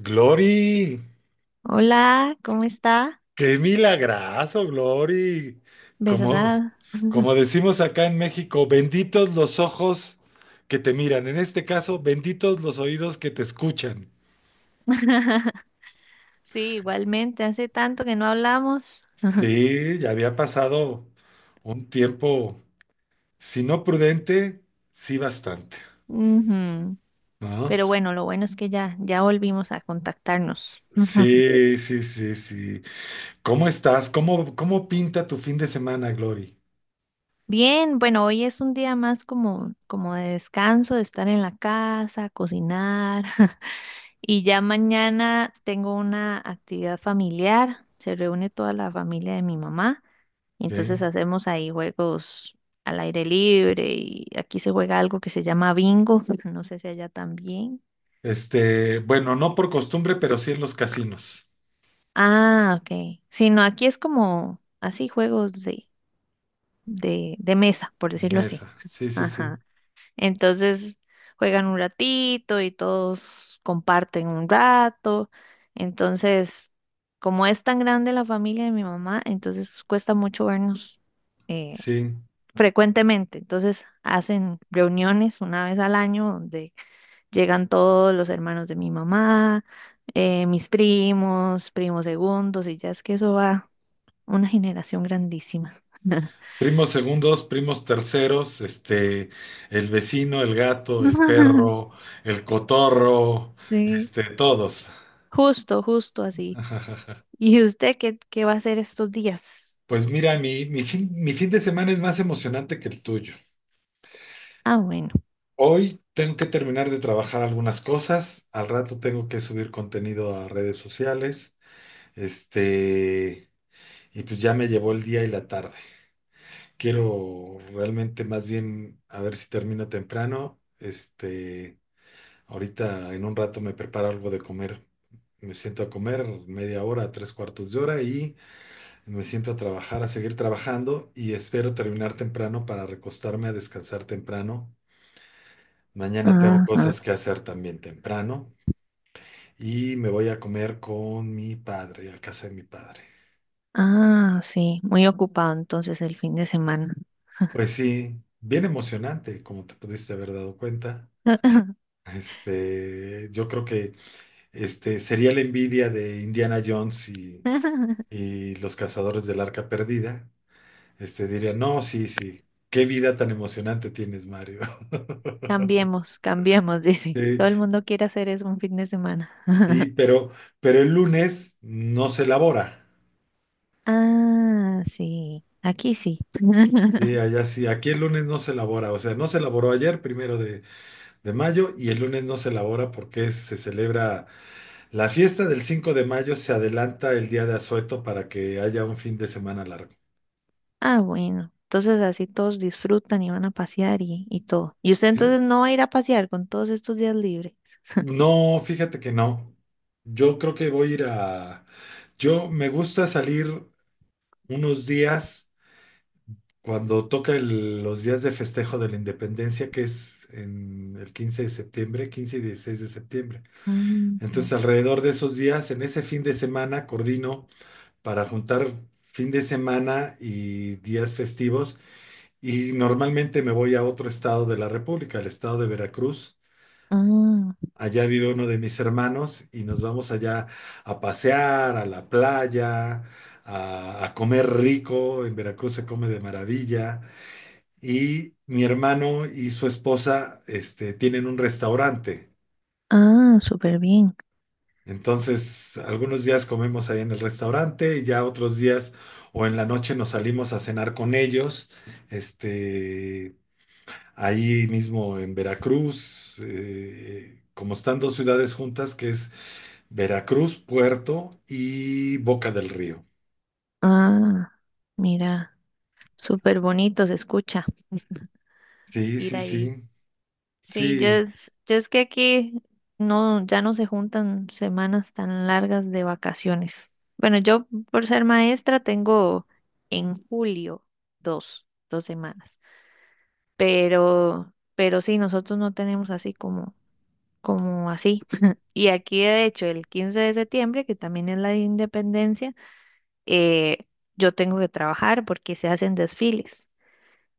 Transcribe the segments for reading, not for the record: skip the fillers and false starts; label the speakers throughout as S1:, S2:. S1: Glory,
S2: Hola, ¿cómo está?
S1: qué milagrazo, Glory. Como,
S2: ¿Verdad?
S1: como decimos acá en México, benditos los ojos que te miran. En este caso, benditos los oídos que te escuchan.
S2: Sí, igualmente, hace tanto que no hablamos.
S1: Sí, ya había pasado un tiempo, si no prudente, sí bastante,
S2: Ujú.
S1: ¿no?
S2: Pero bueno, lo bueno es que ya volvimos a contactarnos.
S1: Sí, sí, sí, sí. ¿Cómo estás? ¿Cómo pinta tu fin de semana, Glory?
S2: Bien, bueno, hoy es un día más como de descanso, de estar en la casa, cocinar. Y ya mañana tengo una actividad familiar. Se reúne toda la familia de mi mamá.
S1: Sí.
S2: Entonces hacemos ahí juegos al aire libre y aquí se juega algo que se llama bingo, no sé si allá también.
S1: Bueno, no por costumbre, pero sí en los casinos.
S2: Ah, ok. Sí, no, aquí es como así juegos de mesa, por
S1: De
S2: decirlo así.
S1: mesa, sí, sí, sí,
S2: Ajá. Entonces juegan un ratito y todos comparten un rato. Entonces, como es tan grande la familia de mi mamá, entonces cuesta mucho vernos. eh,
S1: sí.
S2: frecuentemente. Entonces hacen reuniones una vez al año donde llegan todos los hermanos de mi mamá, mis primos, primos segundos, y ya es que eso va una generación grandísima.
S1: Primos segundos, primos terceros, el vecino, el gato, el perro, el cotorro,
S2: Sí,
S1: todos.
S2: justo, justo así. ¿Y usted qué va a hacer estos días?
S1: Pues mira, mi fin de semana es más emocionante que el tuyo.
S2: Ah, bueno.
S1: Hoy tengo que terminar de trabajar algunas cosas, al rato tengo que subir contenido a redes sociales, este, y pues ya me llevó el día y la tarde. Quiero realmente más bien a ver si termino temprano. Ahorita en un rato me preparo algo de comer. Me siento a comer media hora, tres cuartos de hora y me siento a trabajar, a seguir trabajando y espero terminar temprano para recostarme a descansar temprano. Mañana tengo cosas
S2: Ajá.
S1: que hacer también temprano y me voy a comer con mi padre, a casa de mi padre.
S2: Ah, sí, muy ocupado entonces el fin de semana.
S1: Pues sí, bien emocionante, como te pudiste haber dado cuenta. Este, yo creo que Este, sería la envidia de Indiana Jones y los cazadores del Arca Perdida. Diría, no, sí, sí, qué vida tan emocionante tienes, Mario.
S2: Cambiemos, cambiemos, dice.
S1: Sí,
S2: Todo el mundo quiere hacer eso un fin de semana.
S1: sí, pero el lunes no se elabora.
S2: Ah, sí, aquí sí.
S1: Sí, allá sí, aquí el lunes no se elabora. O sea, no se elaboró ayer, primero de mayo, y el lunes no se elabora porque se celebra la fiesta del 5 de mayo, se adelanta el día de Asueto para que haya un fin de semana largo.
S2: Ah, bueno. Entonces así todos disfrutan y van a pasear y todo. ¿Y usted
S1: Sí,
S2: entonces no va a ir a pasear con todos estos días libres?
S1: no, fíjate que no. Yo creo que voy a ir a... Yo me gusta salir unos días cuando toca los días de festejo de la independencia, que es en el 15 de septiembre, 15 y 16 de septiembre.
S2: Mm,
S1: Entonces,
S2: no.
S1: alrededor de esos días, en ese fin de semana, coordino para juntar fin de semana y días festivos. Y normalmente me voy a otro estado de la República, el estado de Veracruz.
S2: Ah,
S1: Allá vive uno de mis hermanos y nos vamos allá a pasear, a la playa, a comer rico. En Veracruz se come de maravilla. Y mi hermano y su esposa, tienen un restaurante.
S2: ah, súper bien.
S1: Entonces, algunos días comemos ahí en el restaurante y ya otros días o en la noche nos salimos a cenar con ellos, este, ahí mismo en Veracruz, como están dos ciudades juntas, que es Veracruz, Puerto y Boca del Río.
S2: Ah, mira, súper bonito se escucha
S1: Sí,
S2: ir
S1: sí,
S2: ahí.
S1: sí,
S2: Sí, yo,
S1: sí.
S2: es- yo, es que aquí no, ya no se juntan semanas tan largas de vacaciones. Bueno, yo por ser maestra tengo en julio dos semanas, pero sí, nosotros no tenemos así como así. Y aquí, de hecho, el 15 de septiembre, que también es la de independencia, eh, yo tengo que trabajar porque se hacen desfiles.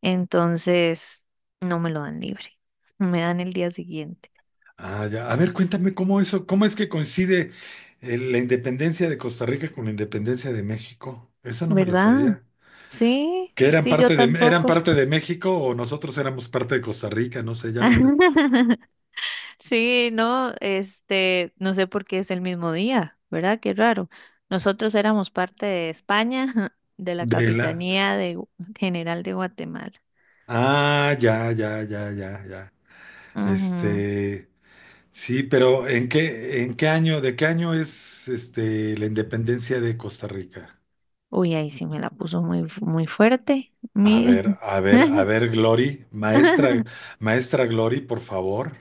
S2: Entonces, no me lo dan libre, me dan el día siguiente.
S1: Ah, ya. A ver, cuéntame cómo eso, cómo es que coincide la independencia de Costa Rica con la independencia de México. Esa no me la
S2: ¿Verdad?
S1: sabía.
S2: Sí,
S1: ¿Que
S2: sí, yo
S1: eran
S2: tampoco.
S1: parte de México o nosotros éramos parte de Costa Rica? No sé, ya no entendí.
S2: Sí, no, este, no sé por qué es el mismo día, ¿verdad? Qué raro. Nosotros éramos parte de España, de la
S1: De la.
S2: Capitanía de General de Guatemala.
S1: Ah, ya, ya, ya, ya, ya.
S2: Ujú.
S1: Este, sí, pero ¿en qué año, de qué año es este la independencia de Costa Rica?
S2: Uy, ahí sí me la puso muy fuerte.
S1: A ver, a ver, a ver, Glory, maestra, maestra Glory, por favor.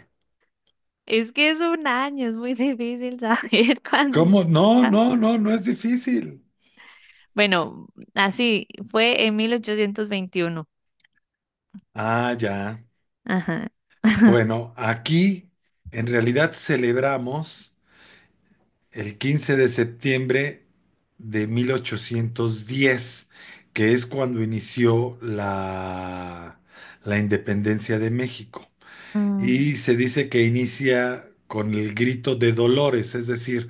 S2: Es que es un año, es muy difícil saber cuándo.
S1: ¿Cómo? No, no, no, no es difícil.
S2: Bueno, así fue en 1821.
S1: Ah, ya.
S2: Ajá.
S1: Bueno, aquí en realidad celebramos el 15 de septiembre de 1810, que es cuando inició la independencia de México. Y se dice que inicia con el grito de Dolores, es decir,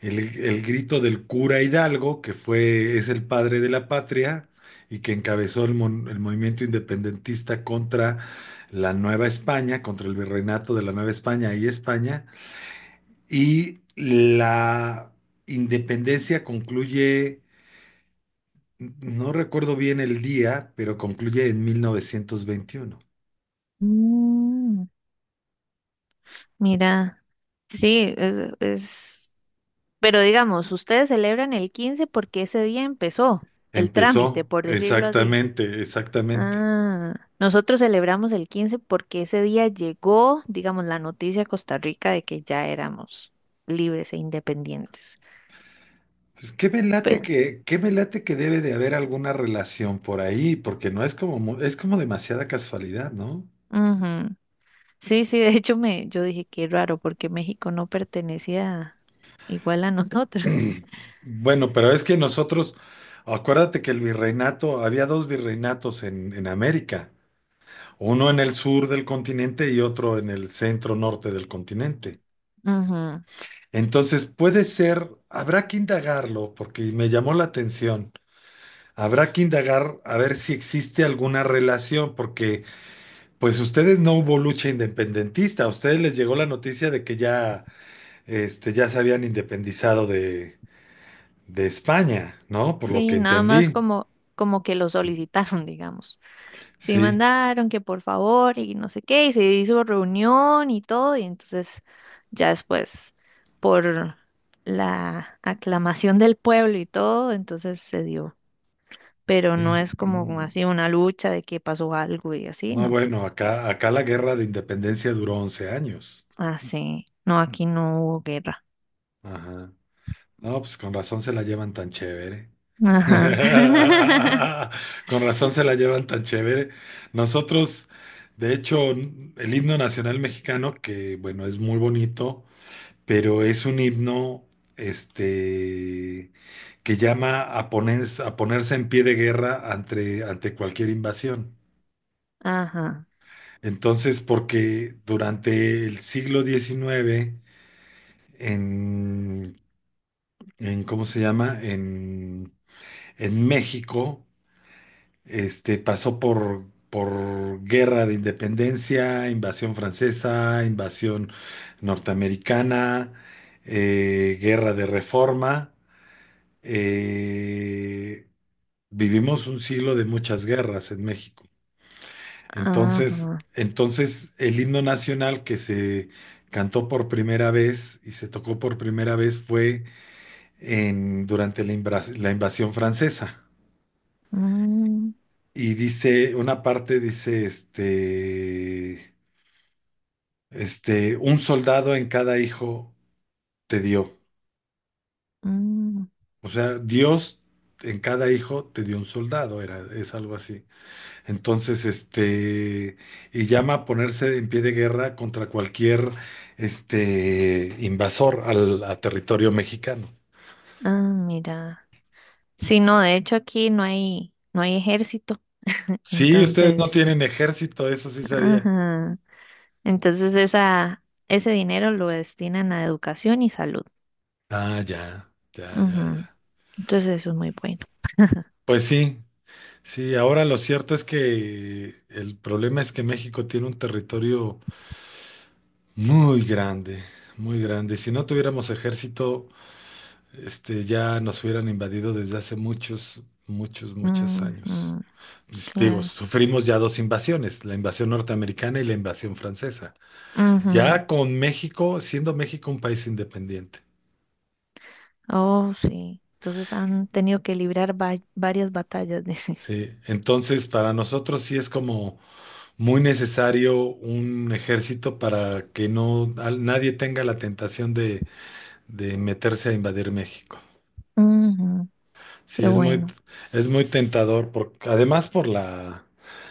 S1: el grito del cura Hidalgo, es el padre de la patria y que encabezó el movimiento independentista contra la Nueva España, contra el virreinato de la Nueva España y España. Y la independencia concluye, no recuerdo bien el día, pero concluye en 1921.
S2: Mm, mira, sí, pero digamos, ustedes celebran el 15 porque ese día empezó el trámite,
S1: Empezó,
S2: por decirlo así.
S1: exactamente, exactamente.
S2: Ah, nosotros celebramos el 15 porque ese día llegó, digamos, la noticia a Costa Rica de que ya éramos libres e independientes.
S1: Pues qué me late
S2: Pero,
S1: que, qué me late que debe de haber alguna relación por ahí, porque no es como, es como demasiada casualidad, ¿no?
S2: ujú. Sí, sí, de hecho yo dije qué raro porque México no pertenecía igual a nosotros.
S1: Bueno, pero es que nosotros, acuérdate que el virreinato, había dos virreinatos en América, uno en el sur del continente y otro en el centro norte del continente.
S2: Ujú.
S1: Entonces puede ser, habrá que indagarlo, porque me llamó la atención, habrá que indagar a ver si existe alguna relación, porque Pues ustedes no hubo lucha independentista, a ustedes les llegó la noticia de que ya, ya se habían independizado de España, ¿no? Por lo que
S2: Sí, nada más
S1: entendí.
S2: como que lo solicitaron, digamos. Sí,
S1: Sí,
S2: mandaron que por favor y no sé qué, y se hizo reunión y todo, y entonces ya después, por la aclamación del pueblo y todo, entonces se dio. Pero no es como
S1: sí.
S2: así una lucha de que pasó algo y así,
S1: No,
S2: no.
S1: bueno, acá la guerra de independencia duró 11 años.
S2: Así, no, aquí no hubo guerra.
S1: Ajá. No, pues con razón se la llevan tan chévere.
S2: Ajá.
S1: Con razón se la llevan tan chévere. Nosotros, de hecho, el himno nacional mexicano, que bueno, es muy bonito. Pero es un himno este, que llama a ponerse en pie de guerra ante cualquier invasión.
S2: Ajá.
S1: Entonces, porque durante el siglo XIX, en, en ¿cómo se llama? En México, pasó por guerra de independencia, invasión francesa, invasión norteamericana, guerra de reforma. eh, vivimos un siglo de muchas guerras en México. Entonces,
S2: Ajá.
S1: entonces el himno nacional que se cantó por primera vez y se tocó por primera vez fue durante la invasión francesa.
S2: Mm,
S1: Y dice, una parte dice, un soldado en cada hijo te dio.
S2: mm.
S1: O sea, Dios en cada hijo te dio un soldado, es algo así. Entonces, y llama a ponerse en pie de guerra contra cualquier, invasor al a territorio mexicano.
S2: Ah, mira. Sí, no, de hecho aquí no hay, ejército,
S1: Sí, ustedes no
S2: entonces,
S1: tienen ejército, eso sí sabía.
S2: ajá. Entonces ese dinero lo destinan a educación y salud.
S1: Ah, ya, ya, ya,
S2: Ujú.
S1: ya.
S2: Entonces eso es muy bueno.
S1: Pues sí, sí, ahora lo cierto es que el problema es que México tiene un territorio muy grande, muy grande. Si no tuviéramos ejército, ya nos hubieran invadido desde hace muchos, muchos, muchos años.
S2: Ujú.
S1: Pues, digo,
S2: Claro.
S1: sufrimos ya dos invasiones, la invasión norteamericana y la invasión francesa.
S2: Ujú.
S1: Ya con México, siendo México un país independiente.
S2: Oh, sí. Entonces han tenido que librar varias batallas, dice.
S1: Sí, entonces para nosotros sí es como muy necesario un ejército para que no nadie tenga la tentación de meterse a invadir México.
S2: Ujú.
S1: Sí,
S2: Qué
S1: es muy,
S2: bueno.
S1: es muy tentador, además por la,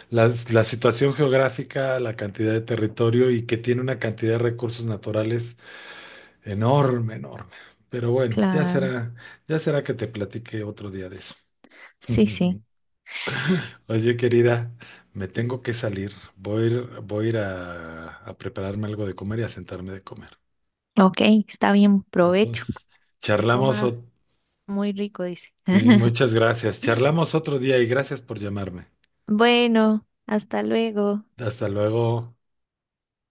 S1: las- la situación geográfica, la cantidad de territorio y que tiene una cantidad de recursos naturales enorme, enorme. Pero bueno, ya
S2: Claro.
S1: será, ya será que te platique otro día de eso.
S2: Sí, sí.
S1: Oye, querida, me tengo que salir. Voy a ir a prepararme algo de comer y a sentarme de comer.
S2: Ok, está bien, provecho.
S1: Entonces,
S2: Que
S1: charlamos,
S2: coma muy rico, dice.
S1: sí, muchas gracias. Charlamos otro día y gracias por llamarme.
S2: Bueno, hasta luego.
S1: Hasta luego.